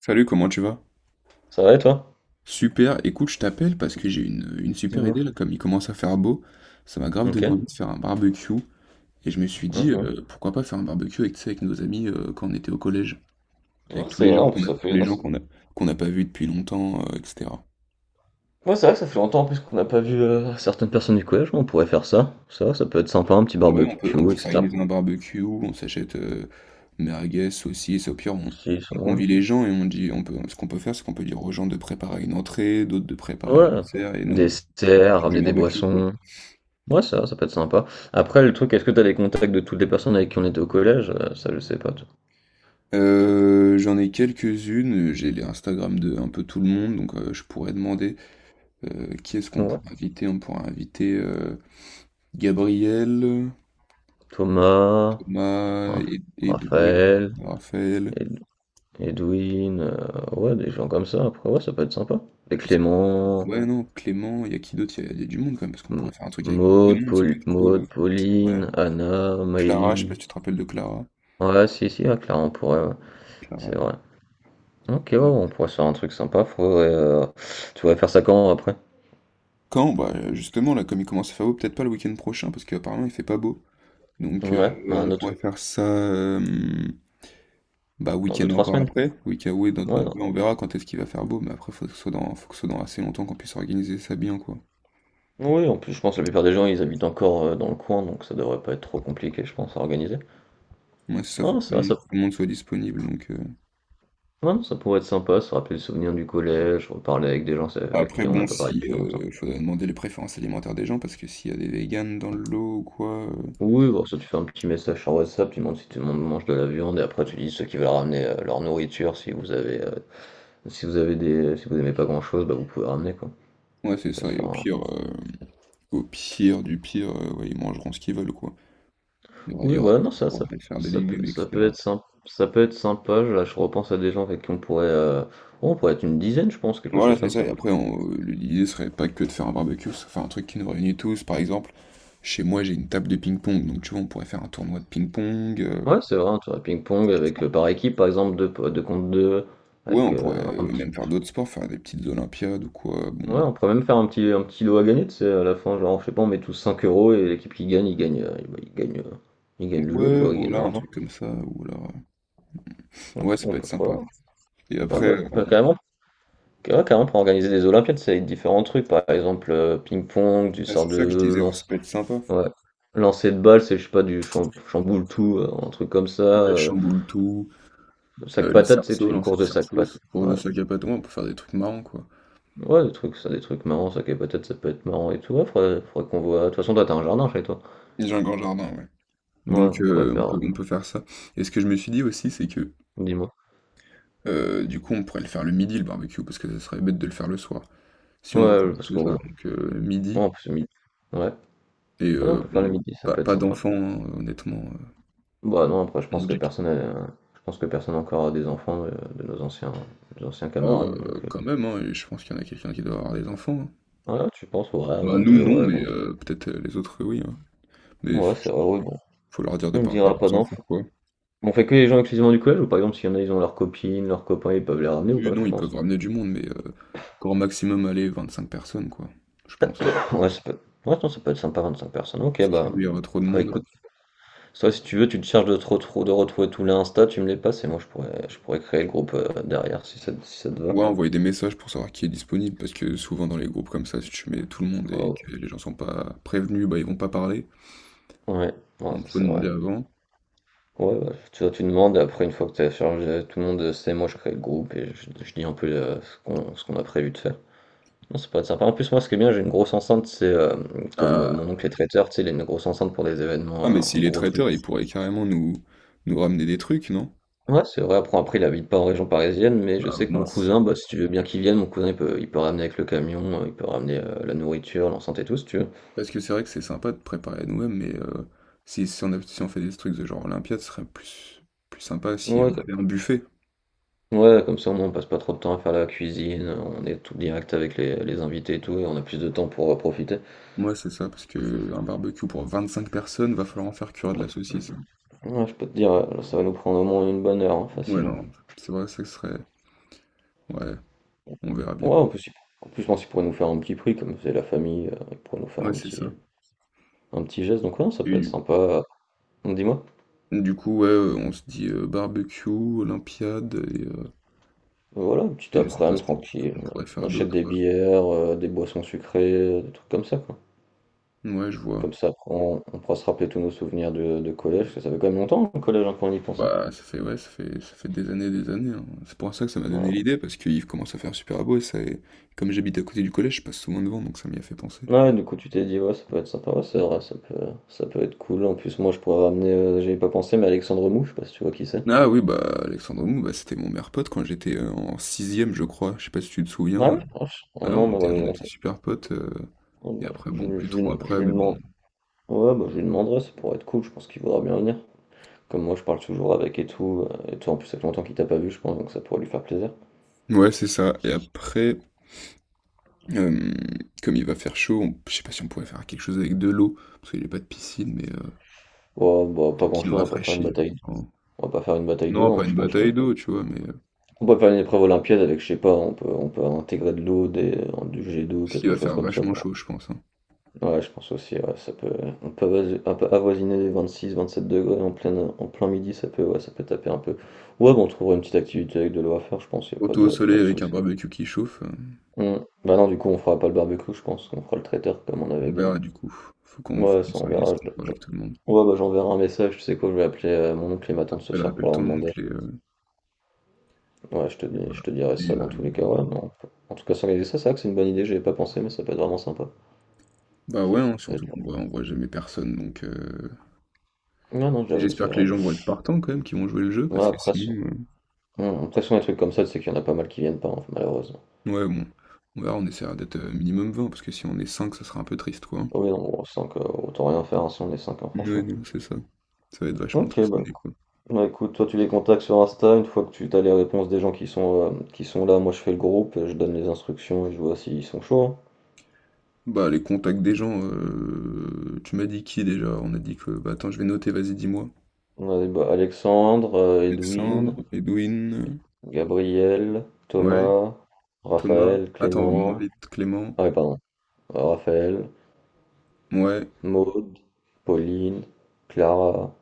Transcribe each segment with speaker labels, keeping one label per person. Speaker 1: Salut, comment tu vas?
Speaker 2: Ça va et toi?
Speaker 1: Super, écoute, je t'appelle parce que j'ai une super
Speaker 2: Dis-moi.
Speaker 1: idée là, comme il commence à faire beau, ça m'a grave donné
Speaker 2: OK.
Speaker 1: envie de faire un barbecue et je me suis dit
Speaker 2: Mhm.
Speaker 1: pourquoi pas faire un barbecue avec, tu sais, avec nos amis quand on était au collège, avec
Speaker 2: Ouais, c'est vrai, en plus ça fait
Speaker 1: tous les
Speaker 2: ah
Speaker 1: gens qu'on a, qu'on n'a pas vus depuis longtemps, etc.
Speaker 2: ouais, c'est vrai que ça fait longtemps en plus qu'on n'a pas vu, certaines personnes du collège, on pourrait faire ça. Ça peut être sympa, un petit
Speaker 1: Ouais, on peut, on
Speaker 2: barbecue
Speaker 1: peut
Speaker 2: et cetera.
Speaker 1: s'organiser un barbecue, on s'achète merguez, saucisses, au pire on,
Speaker 2: Si, ça
Speaker 1: on
Speaker 2: ouais.
Speaker 1: convie les gens et on dit, ce qu'on peut faire, c'est qu'on peut dire aux gens de préparer une entrée, d'autres de préparer un
Speaker 2: Ouais,
Speaker 1: dessert et nous on
Speaker 2: dessert,
Speaker 1: fait du
Speaker 2: ramener des
Speaker 1: barbecue quoi.
Speaker 2: boissons. Ouais, ça ça peut être sympa. Après le truc, est-ce que t'as les contacts de toutes les personnes avec qui on était au collège? Ça je sais pas, toi.
Speaker 1: J'en ai quelques-unes, j'ai les Instagram de un peu tout le monde, donc je pourrais demander qui est-ce qu'on
Speaker 2: Ouais.
Speaker 1: pourrait inviter? On pourrait inviter Gabriel,
Speaker 2: Thomas,
Speaker 1: Thomas,
Speaker 2: Raph
Speaker 1: Edoui,
Speaker 2: Raphaël,
Speaker 1: Raphaël,
Speaker 2: Ed Edwin, ouais des gens comme ça après, ouais ça peut être sympa. Et
Speaker 1: je sais pas.
Speaker 2: Clément.
Speaker 1: Ouais, non, Clément, il y a qui d'autre? Il y a du monde quand même, parce qu'on
Speaker 2: M-
Speaker 1: pourrait faire un truc avec beaucoup de
Speaker 2: Maud,
Speaker 1: monde, ça peut être cool. Ouais.
Speaker 2: Pauline, Anna,
Speaker 1: Clara, je sais pas
Speaker 2: Maëlie.
Speaker 1: si tu te rappelles de Clara.
Speaker 2: Ouais, si, si, à Clara, on pourrait, ouais.
Speaker 1: Clara,
Speaker 2: C'est vrai. Ok, ouais, on
Speaker 1: ouais.
Speaker 2: pourrait se faire un truc sympa. Faudrait. Tu voudrais faire ça quand après?
Speaker 1: Quand? Bah justement, là, comme il commence à faire beau, peut-être pas le week-end prochain, parce qu'apparemment il fait pas beau. Donc
Speaker 2: Ouais, bah,
Speaker 1: on
Speaker 2: un
Speaker 1: pourrait
Speaker 2: autre.
Speaker 1: faire ça. Bah,
Speaker 2: Dans deux
Speaker 1: week-end
Speaker 2: trois
Speaker 1: encore
Speaker 2: semaines.
Speaker 1: après. Week-end, oui,
Speaker 2: Ouais, non.
Speaker 1: oui, on verra quand est-ce qu'il va faire beau, mais après, faut que ce soit dans, faut que ce soit dans assez longtemps qu'on puisse organiser ça bien, quoi.
Speaker 2: Oui, en plus, je pense que la plupart des gens, ils habitent encore dans le coin, donc ça devrait pas être trop compliqué, je pense, à organiser.
Speaker 1: Moi, c'est ça, faut
Speaker 2: Non,
Speaker 1: que tout
Speaker 2: c'est
Speaker 1: le
Speaker 2: vrai,
Speaker 1: monde,
Speaker 2: ça,
Speaker 1: tout le monde soit disponible. Donc.
Speaker 2: ouais, non, ça pourrait être sympa, se rappeler les souvenirs du collège, reparler avec des gens avec
Speaker 1: Après,
Speaker 2: qui on n'a
Speaker 1: bon,
Speaker 2: pas parlé
Speaker 1: si,
Speaker 2: depuis longtemps.
Speaker 1: faudrait demander les préférences alimentaires des gens, parce que s'il y a des véganes dans le lot ou quoi,
Speaker 2: Oui, bon, ça, tu fais un petit message sur WhatsApp, tu demandes si tout le monde mange de la viande, et après, tu dis ceux qui veulent ramener leur nourriture. Si vous avez, si vous avez des, si vous aimez pas grand-chose, bah, vous pouvez ramener, quoi.
Speaker 1: ouais, c'est
Speaker 2: On peut se
Speaker 1: ça, et
Speaker 2: faire un-
Speaker 1: au pire du pire, ouais, ils mangeront ce qu'ils veulent, quoi. Il y aura, il
Speaker 2: Oui,
Speaker 1: y aura
Speaker 2: voilà, non,
Speaker 1: tout
Speaker 2: ça,
Speaker 1: pour
Speaker 2: ça,
Speaker 1: faire des légumes,
Speaker 2: ça peut
Speaker 1: etc.
Speaker 2: être sympa, ça peut être sympa, là, je repense à des gens avec qui on pourrait être une dizaine, je pense, quelque
Speaker 1: Voilà,
Speaker 2: chose
Speaker 1: c'est
Speaker 2: comme
Speaker 1: ça. Et
Speaker 2: ça.
Speaker 1: après, l'idée serait pas que de faire un barbecue, c'est faire un truc qui nous réunit tous, par exemple. Chez moi, j'ai une table de ping-pong, donc tu vois, on pourrait faire un tournoi de ping-pong.
Speaker 2: Ouais, c'est vrai, un tour à ping-pong avec, par équipe, par exemple, deux, deux contre deux,
Speaker 1: Ouais,
Speaker 2: avec
Speaker 1: on pourrait
Speaker 2: un petit
Speaker 1: même faire d'autres sports, faire des petites Olympiades ou quoi. Bon,
Speaker 2: Ouais, on pourrait même faire un petit, lot à gagner, tu sais, à la fin, genre, je sais pas, on met tous 5 € et l'équipe qui gagne, il bah, il gagne le lot,
Speaker 1: ouais,
Speaker 2: quoi, il gagne
Speaker 1: voilà, un
Speaker 2: l'argent.
Speaker 1: truc comme ça. Ou alors,
Speaker 2: Ouais,
Speaker 1: ouais, ça
Speaker 2: on
Speaker 1: peut être
Speaker 2: peut trop
Speaker 1: sympa.
Speaker 2: voir.
Speaker 1: Et
Speaker 2: Ah
Speaker 1: après,
Speaker 2: bah, bah, carrément, ouais, carrément, pour organiser des Olympiades, ça va être différents trucs, par exemple, ping-pong, du
Speaker 1: ah,
Speaker 2: sort
Speaker 1: c'est ça que je
Speaker 2: de
Speaker 1: disais, ouais, ça
Speaker 2: lance,
Speaker 1: peut être sympa.
Speaker 2: ouais, lancer de balle, c'est, je sais pas, du chamboule tout, un truc comme ça,
Speaker 1: Ouais, chamboule tout,
Speaker 2: sac
Speaker 1: les
Speaker 2: patate, tu sais, tu
Speaker 1: cerceaux,
Speaker 2: fais une
Speaker 1: lancer
Speaker 2: course
Speaker 1: de
Speaker 2: de sac
Speaker 1: cerceaux,
Speaker 2: patate.
Speaker 1: pour
Speaker 2: Ouais,
Speaker 1: le sac à patins, ouais, on peut faire des trucs marrants, quoi.
Speaker 2: ouais, des trucs, ça, des trucs marrants, sac à patate, ça peut être marrant et tout, ouais, faudrait qu'on voit. De toute façon, toi, t'as un jardin chez toi.
Speaker 1: J'ai un grand jardin, ouais.
Speaker 2: Ouais,
Speaker 1: Donc,
Speaker 2: on pourrait
Speaker 1: on
Speaker 2: faire,
Speaker 1: peut, on peut faire ça. Et ce que je me suis dit aussi, c'est que
Speaker 2: dis-moi.
Speaker 1: du coup, on pourrait le faire le midi, le barbecue, parce que ça serait bête de le faire le soir. Si on veut faire
Speaker 2: Ouais, parce
Speaker 1: tout ça,
Speaker 2: qu'on ouais,
Speaker 1: donc midi.
Speaker 2: en plus, midi. Ouais.
Speaker 1: Et
Speaker 2: Ah non, on peut faire le
Speaker 1: bon,
Speaker 2: midi, ça
Speaker 1: pas
Speaker 2: peut être
Speaker 1: pas
Speaker 2: sympa.
Speaker 1: d'enfants, hein, honnêtement,
Speaker 2: Bah non, après, je
Speaker 1: on
Speaker 2: pense que
Speaker 1: dit que
Speaker 2: je pense que personne encore a des enfants de, nos anciens
Speaker 1: oh,
Speaker 2: camarades, donc... euh,
Speaker 1: quand même, hein et je pense qu'il y en a quelqu'un qui doit avoir des enfants, hein.
Speaker 2: Ouais, tu penses, ouais,
Speaker 1: Bah,
Speaker 2: vingt
Speaker 1: nous
Speaker 2: deux
Speaker 1: non,
Speaker 2: ouais, vingt
Speaker 1: mais
Speaker 2: deux
Speaker 1: peut-être, les autres, oui, hein. Mais
Speaker 2: Ouais,
Speaker 1: f
Speaker 2: c'est vrai, ouais, bon.
Speaker 1: faut leur dire de
Speaker 2: On
Speaker 1: pas ramener
Speaker 2: dira pas
Speaker 1: leurs enfants,
Speaker 2: d'enfants.
Speaker 1: quoi.
Speaker 2: On fait que les gens exclusivement du collège, ou par exemple, s'il y en a, ils ont leurs copines, leurs copains, ils peuvent les ramener ou
Speaker 1: Oui,
Speaker 2: pas, tu
Speaker 1: non, ils peuvent
Speaker 2: penses?
Speaker 1: ramener du monde, mais grand maximum, allez, cinq personnes, quoi, je pense.
Speaker 2: Ouais, ça peut être, ouais, non, ça peut être sympa, 25 personnes. Ok,
Speaker 1: Parce qu'il
Speaker 2: bah,
Speaker 1: y aura trop de
Speaker 2: ouais,
Speaker 1: monde.
Speaker 2: écoute, toi, si tu veux, tu te charges de, de retrouver tous les Insta, tu me les passes, et moi, je pourrais créer le groupe derrière, si ça, si ça te va.
Speaker 1: Ouais, envoyer des messages pour savoir qui est disponible parce que souvent dans les groupes comme ça, si tu mets tout le monde et
Speaker 2: Oh.
Speaker 1: que les gens sont pas prévenus, bah, ils vont pas parler,
Speaker 2: Ouais, non,
Speaker 1: donc
Speaker 2: ça,
Speaker 1: faut
Speaker 2: c'est vrai.
Speaker 1: demander avant.
Speaker 2: Ouais, bah, tu vois, tu demandes, et après, une fois que tu as chargé, tout le monde sait, moi je crée le groupe et je dis un peu ce qu'on a prévu de faire. Non, c'est pas sympa. En plus, moi, ce qui est bien, j'ai une grosse enceinte, c'est comme mon
Speaker 1: Ah
Speaker 2: oncle est traiteur, tu sais, il a une grosse enceinte pour des événements,
Speaker 1: Ah, mais
Speaker 2: un
Speaker 1: s'il est
Speaker 2: gros truc.
Speaker 1: traiteur, il pourrait carrément nous ramener des trucs, non?
Speaker 2: Ouais, c'est vrai, après, il habite pas en région parisienne, mais je
Speaker 1: Ah,
Speaker 2: sais que mon
Speaker 1: mince.
Speaker 2: cousin, bah, si tu veux bien qu'il vienne, mon cousin, il peut ramener avec le camion, il peut ramener la nourriture, l'enceinte et tout, si tu veux.
Speaker 1: Parce que c'est vrai que c'est sympa de préparer à nous-mêmes, mais si on fait des trucs de genre Olympiade, ce serait plus sympa si
Speaker 2: Ouais,
Speaker 1: on avait un buffet.
Speaker 2: ouais, comme ça au moins on passe pas trop de temps à faire la cuisine, on est tout direct avec les invités et tout, et on a plus de temps pour profiter.
Speaker 1: Moi, c'est ça, parce que un barbecue pour 25 personnes, va falloir en faire cuire de la saucisse.
Speaker 2: Ouais, je peux te dire, ça va nous prendre au moins une bonne heure, hein,
Speaker 1: Ouais,
Speaker 2: facile, hein.
Speaker 1: non, c'est vrai, ça serait. Ouais, on verra
Speaker 2: Ouais,
Speaker 1: bien.
Speaker 2: en plus, en plus, je pense qu'ils pourraient nous faire un petit prix, comme c'est la famille, ils pourraient nous faire
Speaker 1: Ouais,
Speaker 2: un
Speaker 1: c'est
Speaker 2: petit,
Speaker 1: ça.
Speaker 2: un petit geste, donc ouais, ça
Speaker 1: Et
Speaker 2: peut être
Speaker 1: du,
Speaker 2: sympa. Dis-moi.
Speaker 1: du coup, ouais, on se dit barbecue, Olympiade, et, euh,
Speaker 2: Voilà, un petit
Speaker 1: et je sais pas ce
Speaker 2: après-midi
Speaker 1: qu'on ce
Speaker 2: tranquille,
Speaker 1: qu'on pourrait
Speaker 2: on
Speaker 1: faire
Speaker 2: achète
Speaker 1: d'autre,
Speaker 2: des
Speaker 1: quoi.
Speaker 2: bières, des boissons sucrées, des trucs comme ça, quoi.
Speaker 1: Ouais, je vois.
Speaker 2: Comme ça, après, on pourra se rappeler tous nos souvenirs de, collège, parce que ça fait quand même longtemps, le collège, hein, quand on y pense, hein.
Speaker 1: Bah, ça fait, ouais, ça fait des années, et des années. Hein. C'est pour ça que ça m'a donné
Speaker 2: Ouais,
Speaker 1: l'idée, parce qu'il commence à faire super beau et ça, et comme j'habite à côté du collège, je passe souvent devant, donc ça m'y a fait penser.
Speaker 2: ouais, du coup, tu t'es dit, ouais, ça peut être sympa, ouais, c'est vrai, ça peut être cool. En plus, moi, je pourrais ramener, j'y pas pensé, mais Alexandre Mou, je sais pas si tu vois qui c'est.
Speaker 1: Ah oui, bah, Alexandre Mou, bah, c'était mon meilleur pote quand j'étais en sixième, je crois. Je sais pas si tu te
Speaker 2: Ouais,
Speaker 1: souviens.
Speaker 2: ah, ah
Speaker 1: Ah,
Speaker 2: non,
Speaker 1: on
Speaker 2: mais
Speaker 1: était, on
Speaker 2: voilà,
Speaker 1: était super potes. euh,
Speaker 2: oh,
Speaker 1: et
Speaker 2: bah,
Speaker 1: après, bon, plus trop
Speaker 2: lui je
Speaker 1: après,
Speaker 2: lui
Speaker 1: mais bon.
Speaker 2: demande. Ouais, bah, je lui demanderai, ça pourrait être cool, je pense qu'il voudra bien venir. Comme moi, je parle toujours avec et tout, et toi, en plus, ça fait longtemps qu'il t'a pas vu, je pense, donc ça pourrait lui faire plaisir.
Speaker 1: Ouais, c'est ça. Et après, euh, comme il va faire chaud, je sais pas si on pourrait faire quelque chose avec de l'eau, parce qu'il n'y a pas de piscine, mais
Speaker 2: Ouais, bah, pas
Speaker 1: qui nous
Speaker 2: grand-chose, on va pas faire une
Speaker 1: rafraîchit.
Speaker 2: bataille,
Speaker 1: Oh.
Speaker 2: on va pas faire une bataille
Speaker 1: Non,
Speaker 2: d'eau,
Speaker 1: pas
Speaker 2: hein, je
Speaker 1: une
Speaker 2: pense, je t'avoue.
Speaker 1: bataille d'eau, tu vois, mais.
Speaker 2: On peut faire une épreuve olympiade avec, je sais pas, on peut intégrer de l'eau, des, du jet d'eau,
Speaker 1: Parce qu'il
Speaker 2: quelque
Speaker 1: va
Speaker 2: chose
Speaker 1: faire
Speaker 2: comme ça.
Speaker 1: vachement chaud, je pense. Hein.
Speaker 2: Ouais, je pense aussi, ouais, ça peut, on peut un peu avoisiner les 26-27 degrés en plein midi, ça peut, ouais, ça peut taper un peu. Ouais, bon, on trouvera une petite activité avec de l'eau à faire, je pense, il n'y a pas
Speaker 1: Surtout au
Speaker 2: de,
Speaker 1: soleil
Speaker 2: pas de
Speaker 1: avec un
Speaker 2: souci.
Speaker 1: barbecue qui chauffe. euh,
Speaker 2: Hmm. Bah non, du coup, on fera pas le barbecue, je pense, on fera le traiteur comme on
Speaker 1: on
Speaker 2: avait dit.
Speaker 1: verra du coup. Faut qu'on faut
Speaker 2: Ouais,
Speaker 1: qu'on
Speaker 2: ça on
Speaker 1: s'organise,
Speaker 2: verra.
Speaker 1: qu'on voit avec tout le monde.
Speaker 2: Ouais, bah j'enverrai un message, tu sais quoi, je vais appeler mon oncle et ma tante ce
Speaker 1: Appelle,
Speaker 2: soir
Speaker 1: appelle
Speaker 2: pour leur
Speaker 1: ton
Speaker 2: demander.
Speaker 1: oncle et, euh,
Speaker 2: Ouais,
Speaker 1: et
Speaker 2: je
Speaker 1: voilà.
Speaker 2: te dirai
Speaker 1: Et
Speaker 2: ça dans tous les cas, ouais, mais on peut- En tout cas, s'organiser ça, c'est vrai que c'est une bonne idée, j'y avais pas pensé, mais ça peut être vraiment sympa.
Speaker 1: bah
Speaker 2: Ça
Speaker 1: ouais, hein,
Speaker 2: peut
Speaker 1: surtout
Speaker 2: être-
Speaker 1: qu'on voit jamais personne. Donc
Speaker 2: Ouais, non,
Speaker 1: et
Speaker 2: j'avoue, c'est
Speaker 1: j'espère que les
Speaker 2: vrai.
Speaker 1: gens vont être partants quand même, qui vont jouer le jeu,
Speaker 2: Ouais,
Speaker 1: parce que
Speaker 2: après,
Speaker 1: sinon.
Speaker 2: Mmh, de toute façon, les trucs comme ça, c'est qu'il y en a pas mal qui viennent pas, hein, malheureusement.
Speaker 1: Ouais, bon. On verra, on essaiera d'être minimum 20, parce que si on est 5, ça sera un peu triste, quoi. Hein.
Speaker 2: Oui, non, on sent que autant rien faire hein, si on est 5,
Speaker 1: Ouais,
Speaker 2: franchement.
Speaker 1: non, c'est ça. Ça va être vachement
Speaker 2: Ok, bah,
Speaker 1: tristouné, quoi.
Speaker 2: bah, écoute, toi tu les contacts sur Insta, une fois que tu as les réponses des gens qui sont là, moi je fais le groupe, je donne les instructions et je vois s'ils sont chauds, hein.
Speaker 1: Bah, les contacts des gens, tu m'as dit qui déjà? On a dit que. Bah, attends, je vais noter, vas-y, dis-moi.
Speaker 2: On a bah, Alexandre, Edwin,
Speaker 1: Alexandre, Edwin,
Speaker 2: Gabriel,
Speaker 1: ouais,
Speaker 2: Thomas,
Speaker 1: Thomas.
Speaker 2: Raphaël,
Speaker 1: Attends, on
Speaker 2: Clément,
Speaker 1: invite Clément.
Speaker 2: ah oui, pardon, Raphaël,
Speaker 1: Ouais,
Speaker 2: Maude, Pauline, Clara,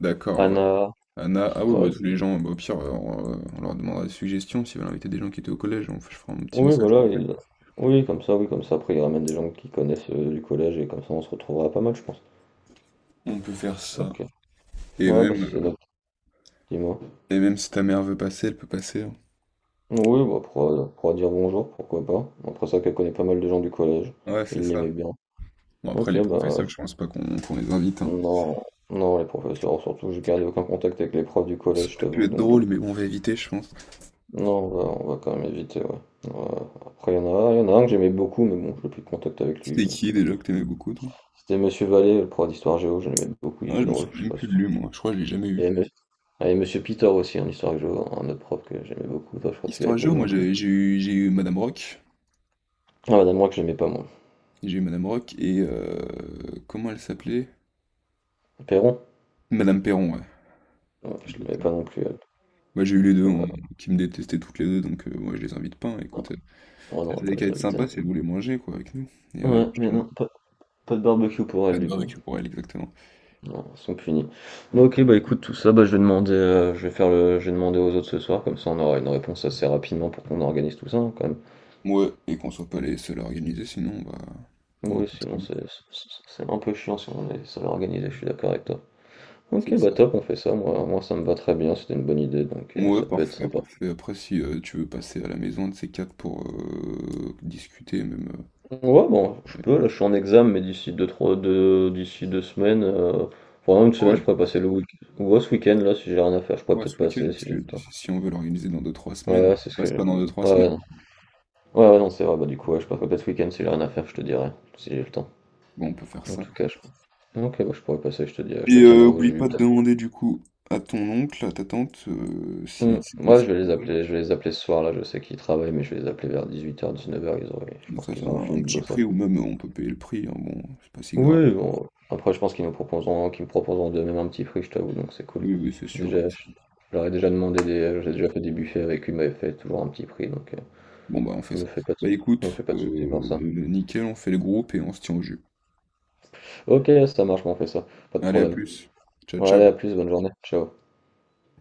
Speaker 1: d'accord, ouais.
Speaker 2: Anna,
Speaker 1: Anna, ah oui, bah,
Speaker 2: ouais,
Speaker 1: tous les gens, bah, au pire, on leur demandera des suggestions s'ils veulent inviter des gens qui étaient au collège, je ferai un petit
Speaker 2: Oui,
Speaker 1: message
Speaker 2: voilà,
Speaker 1: groupe.
Speaker 2: oui, comme ça, oui, comme ça. Après, il ramène des gens qui connaissent du collège et comme ça, on se retrouvera pas mal, je pense.
Speaker 1: On peut faire ça.
Speaker 2: Ok.
Speaker 1: Et
Speaker 2: Ouais, bah
Speaker 1: même,
Speaker 2: c'est
Speaker 1: euh,
Speaker 2: notre dis-moi.
Speaker 1: et même si ta mère veut passer, elle peut passer. Hein.
Speaker 2: Oui, bah pourra dire bonjour, pourquoi pas. Après ça, qu'elle connaît pas mal de gens du collège.
Speaker 1: Ouais, c'est
Speaker 2: Il l'aimait
Speaker 1: ça.
Speaker 2: bien.
Speaker 1: Bon, après,
Speaker 2: Ok,
Speaker 1: les
Speaker 2: bah
Speaker 1: professeurs, je pense pas qu'on les invite. Hein.
Speaker 2: non, non, les professeurs, surtout, j'ai gardé aucun contact avec les profs du
Speaker 1: Ça
Speaker 2: collège, je
Speaker 1: aurait pu
Speaker 2: t'avoue,
Speaker 1: être
Speaker 2: donc.
Speaker 1: drôle, mais bon, on va éviter, je pense.
Speaker 2: Non, on va quand même éviter, ouais. Ouais, après, il y en a un que j'aimais beaucoup, mais bon, je n'ai plus de contact avec lui,
Speaker 1: C'était
Speaker 2: donc.
Speaker 1: qui
Speaker 2: euh,
Speaker 1: déjà que t'aimais beaucoup, toi?
Speaker 2: C'était Monsieur Vallée, le prof d'histoire géo, je l'aimais beaucoup, il
Speaker 1: Ouais,
Speaker 2: était
Speaker 1: je me
Speaker 2: drôle,
Speaker 1: souviens
Speaker 2: je sais
Speaker 1: même
Speaker 2: pas
Speaker 1: plus
Speaker 2: si
Speaker 1: de lui, moi. Je crois que je l'ai jamais
Speaker 2: Il
Speaker 1: eu.
Speaker 2: y avait, M- il y avait Monsieur Pitor aussi en histoire que je, un autre prof que j'aimais beaucoup. Toi, je crois que tu l'avais
Speaker 1: Histoire
Speaker 2: pas eu
Speaker 1: géo,
Speaker 2: non
Speaker 1: moi,
Speaker 2: plus.
Speaker 1: j'ai eu Madame Rock.
Speaker 2: Ah, Madame Roy, que je l'aimais pas moi.
Speaker 1: J'ai eu Madame Rock et comment elle s'appelait?
Speaker 2: Perron?
Speaker 1: Madame Perron, ouais.
Speaker 2: Ouais, je l'aimais pas
Speaker 1: Exactement.
Speaker 2: non plus, elle.
Speaker 1: Moi j'ai eu les deux
Speaker 2: Ouais,
Speaker 1: hein,
Speaker 2: ouais,
Speaker 1: qui me détestaient toutes les deux, donc moi je les invite pas. Hein,
Speaker 2: non,
Speaker 1: écoute,
Speaker 2: on
Speaker 1: elles
Speaker 2: n'aura
Speaker 1: avaient
Speaker 2: pas
Speaker 1: qu'à
Speaker 2: les
Speaker 1: être
Speaker 2: invités,
Speaker 1: sympas
Speaker 2: hein.
Speaker 1: si elles voulaient manger quoi avec nous. Et ouais,
Speaker 2: Ouais,
Speaker 1: je te
Speaker 2: mais
Speaker 1: le dis.
Speaker 2: non, pas de barbecue pour
Speaker 1: Pas
Speaker 2: elle
Speaker 1: de
Speaker 2: du coup.
Speaker 1: barbecue pour elles, exactement.
Speaker 2: Non, ils sont punis. Bon, ok, bah écoute, tout ça, bah je vais demander, je vais faire le, je vais demander aux autres ce soir, comme ça on aura une réponse assez rapidement pour qu'on organise tout ça, hein, quand même.
Speaker 1: Ouais, et qu'on soit pas les seuls à organiser, sinon on va
Speaker 2: Oui,
Speaker 1: pas
Speaker 2: sinon
Speaker 1: traîner.
Speaker 2: c'est c'est un peu chiant si on est seul à organiser, je suis d'accord avec toi. Ok,
Speaker 1: C'est
Speaker 2: bah
Speaker 1: ça.
Speaker 2: top, on fait ça, moi ça me va très bien, c'était une bonne idée, donc
Speaker 1: Ouais,
Speaker 2: ça peut être
Speaker 1: parfait,
Speaker 2: sympa.
Speaker 1: parfait. Après, si tu veux passer à la maison de ces quatre pour discuter, même. euh,
Speaker 2: Ouais, bon, je peux,
Speaker 1: allez.
Speaker 2: là, je suis en examen, mais d'ici deux semaines, vraiment une semaine,
Speaker 1: Ouais,
Speaker 2: je pourrais passer le week-end. Ouais, ce week-end, là, si j'ai rien à faire, je pourrais
Speaker 1: ouais, ce
Speaker 2: peut-être
Speaker 1: week-end,
Speaker 2: passer si
Speaker 1: parce
Speaker 2: j'ai le
Speaker 1: que
Speaker 2: temps.
Speaker 1: si on veut l'organiser dans deux trois semaines,
Speaker 2: Ouais, c'est ce que
Speaker 1: passe
Speaker 2: j'ai.
Speaker 1: pas dans deux trois
Speaker 2: Ouais, ouais,
Speaker 1: semaines.
Speaker 2: non. Ouais, ouais, non, c'est vrai, bah du coup, ouais, je passerai peut-être ce week-end si j'ai rien à faire, je te dirai, si j'ai le temps.
Speaker 1: Bon, on peut faire
Speaker 2: En
Speaker 1: ça.
Speaker 2: tout cas, je Ok, bah, je pourrais passer, je te dirai, je
Speaker 1: Et
Speaker 2: te tiendrai au
Speaker 1: oublie
Speaker 2: jus,
Speaker 1: pas de
Speaker 2: peut-être.
Speaker 1: demander du coup à ton oncle, à ta tante, si
Speaker 2: Hmm,
Speaker 1: c'est
Speaker 2: Ouais, je
Speaker 1: possible
Speaker 2: vais les
Speaker 1: pour eux.
Speaker 2: appeler, je vais les appeler ce soir, là, je sais qu'ils travaillent, mais je vais les appeler vers 18h 19h ils auraient, je
Speaker 1: Qu'ils nous
Speaker 2: pense
Speaker 1: fassent
Speaker 2: qu'ils auront
Speaker 1: un,
Speaker 2: fini
Speaker 1: un
Speaker 2: de
Speaker 1: petit
Speaker 2: bosser.
Speaker 1: prix ou même on peut payer le prix, hein, bon, c'est pas si grave.
Speaker 2: Oui, bon, après je pense qu'ils nous proposeront, qu'ils me proposeront de même un petit prix, je t'avoue, donc c'est cool.
Speaker 1: Oui, oui, c'est
Speaker 2: J'ai
Speaker 1: sûr,
Speaker 2: déjà,
Speaker 1: comme
Speaker 2: je
Speaker 1: ça.
Speaker 2: leur ai déjà demandé des, j'ai déjà fait des buffets avec eux, ils m'avaient fait toujours un petit prix, donc
Speaker 1: Bon bah on fait
Speaker 2: je me
Speaker 1: ça.
Speaker 2: fais pas de,
Speaker 1: Bah
Speaker 2: je me
Speaker 1: écoute,
Speaker 2: fais pas de soucis pour ça.
Speaker 1: nickel, on fait le groupe et on se tient au jus.
Speaker 2: Ok, ça marche, bon, on fait ça, pas de
Speaker 1: Allez, à
Speaker 2: problème.
Speaker 1: plus. Ciao,
Speaker 2: Ouais,
Speaker 1: ciao.
Speaker 2: allez, à plus, bonne journée, ciao.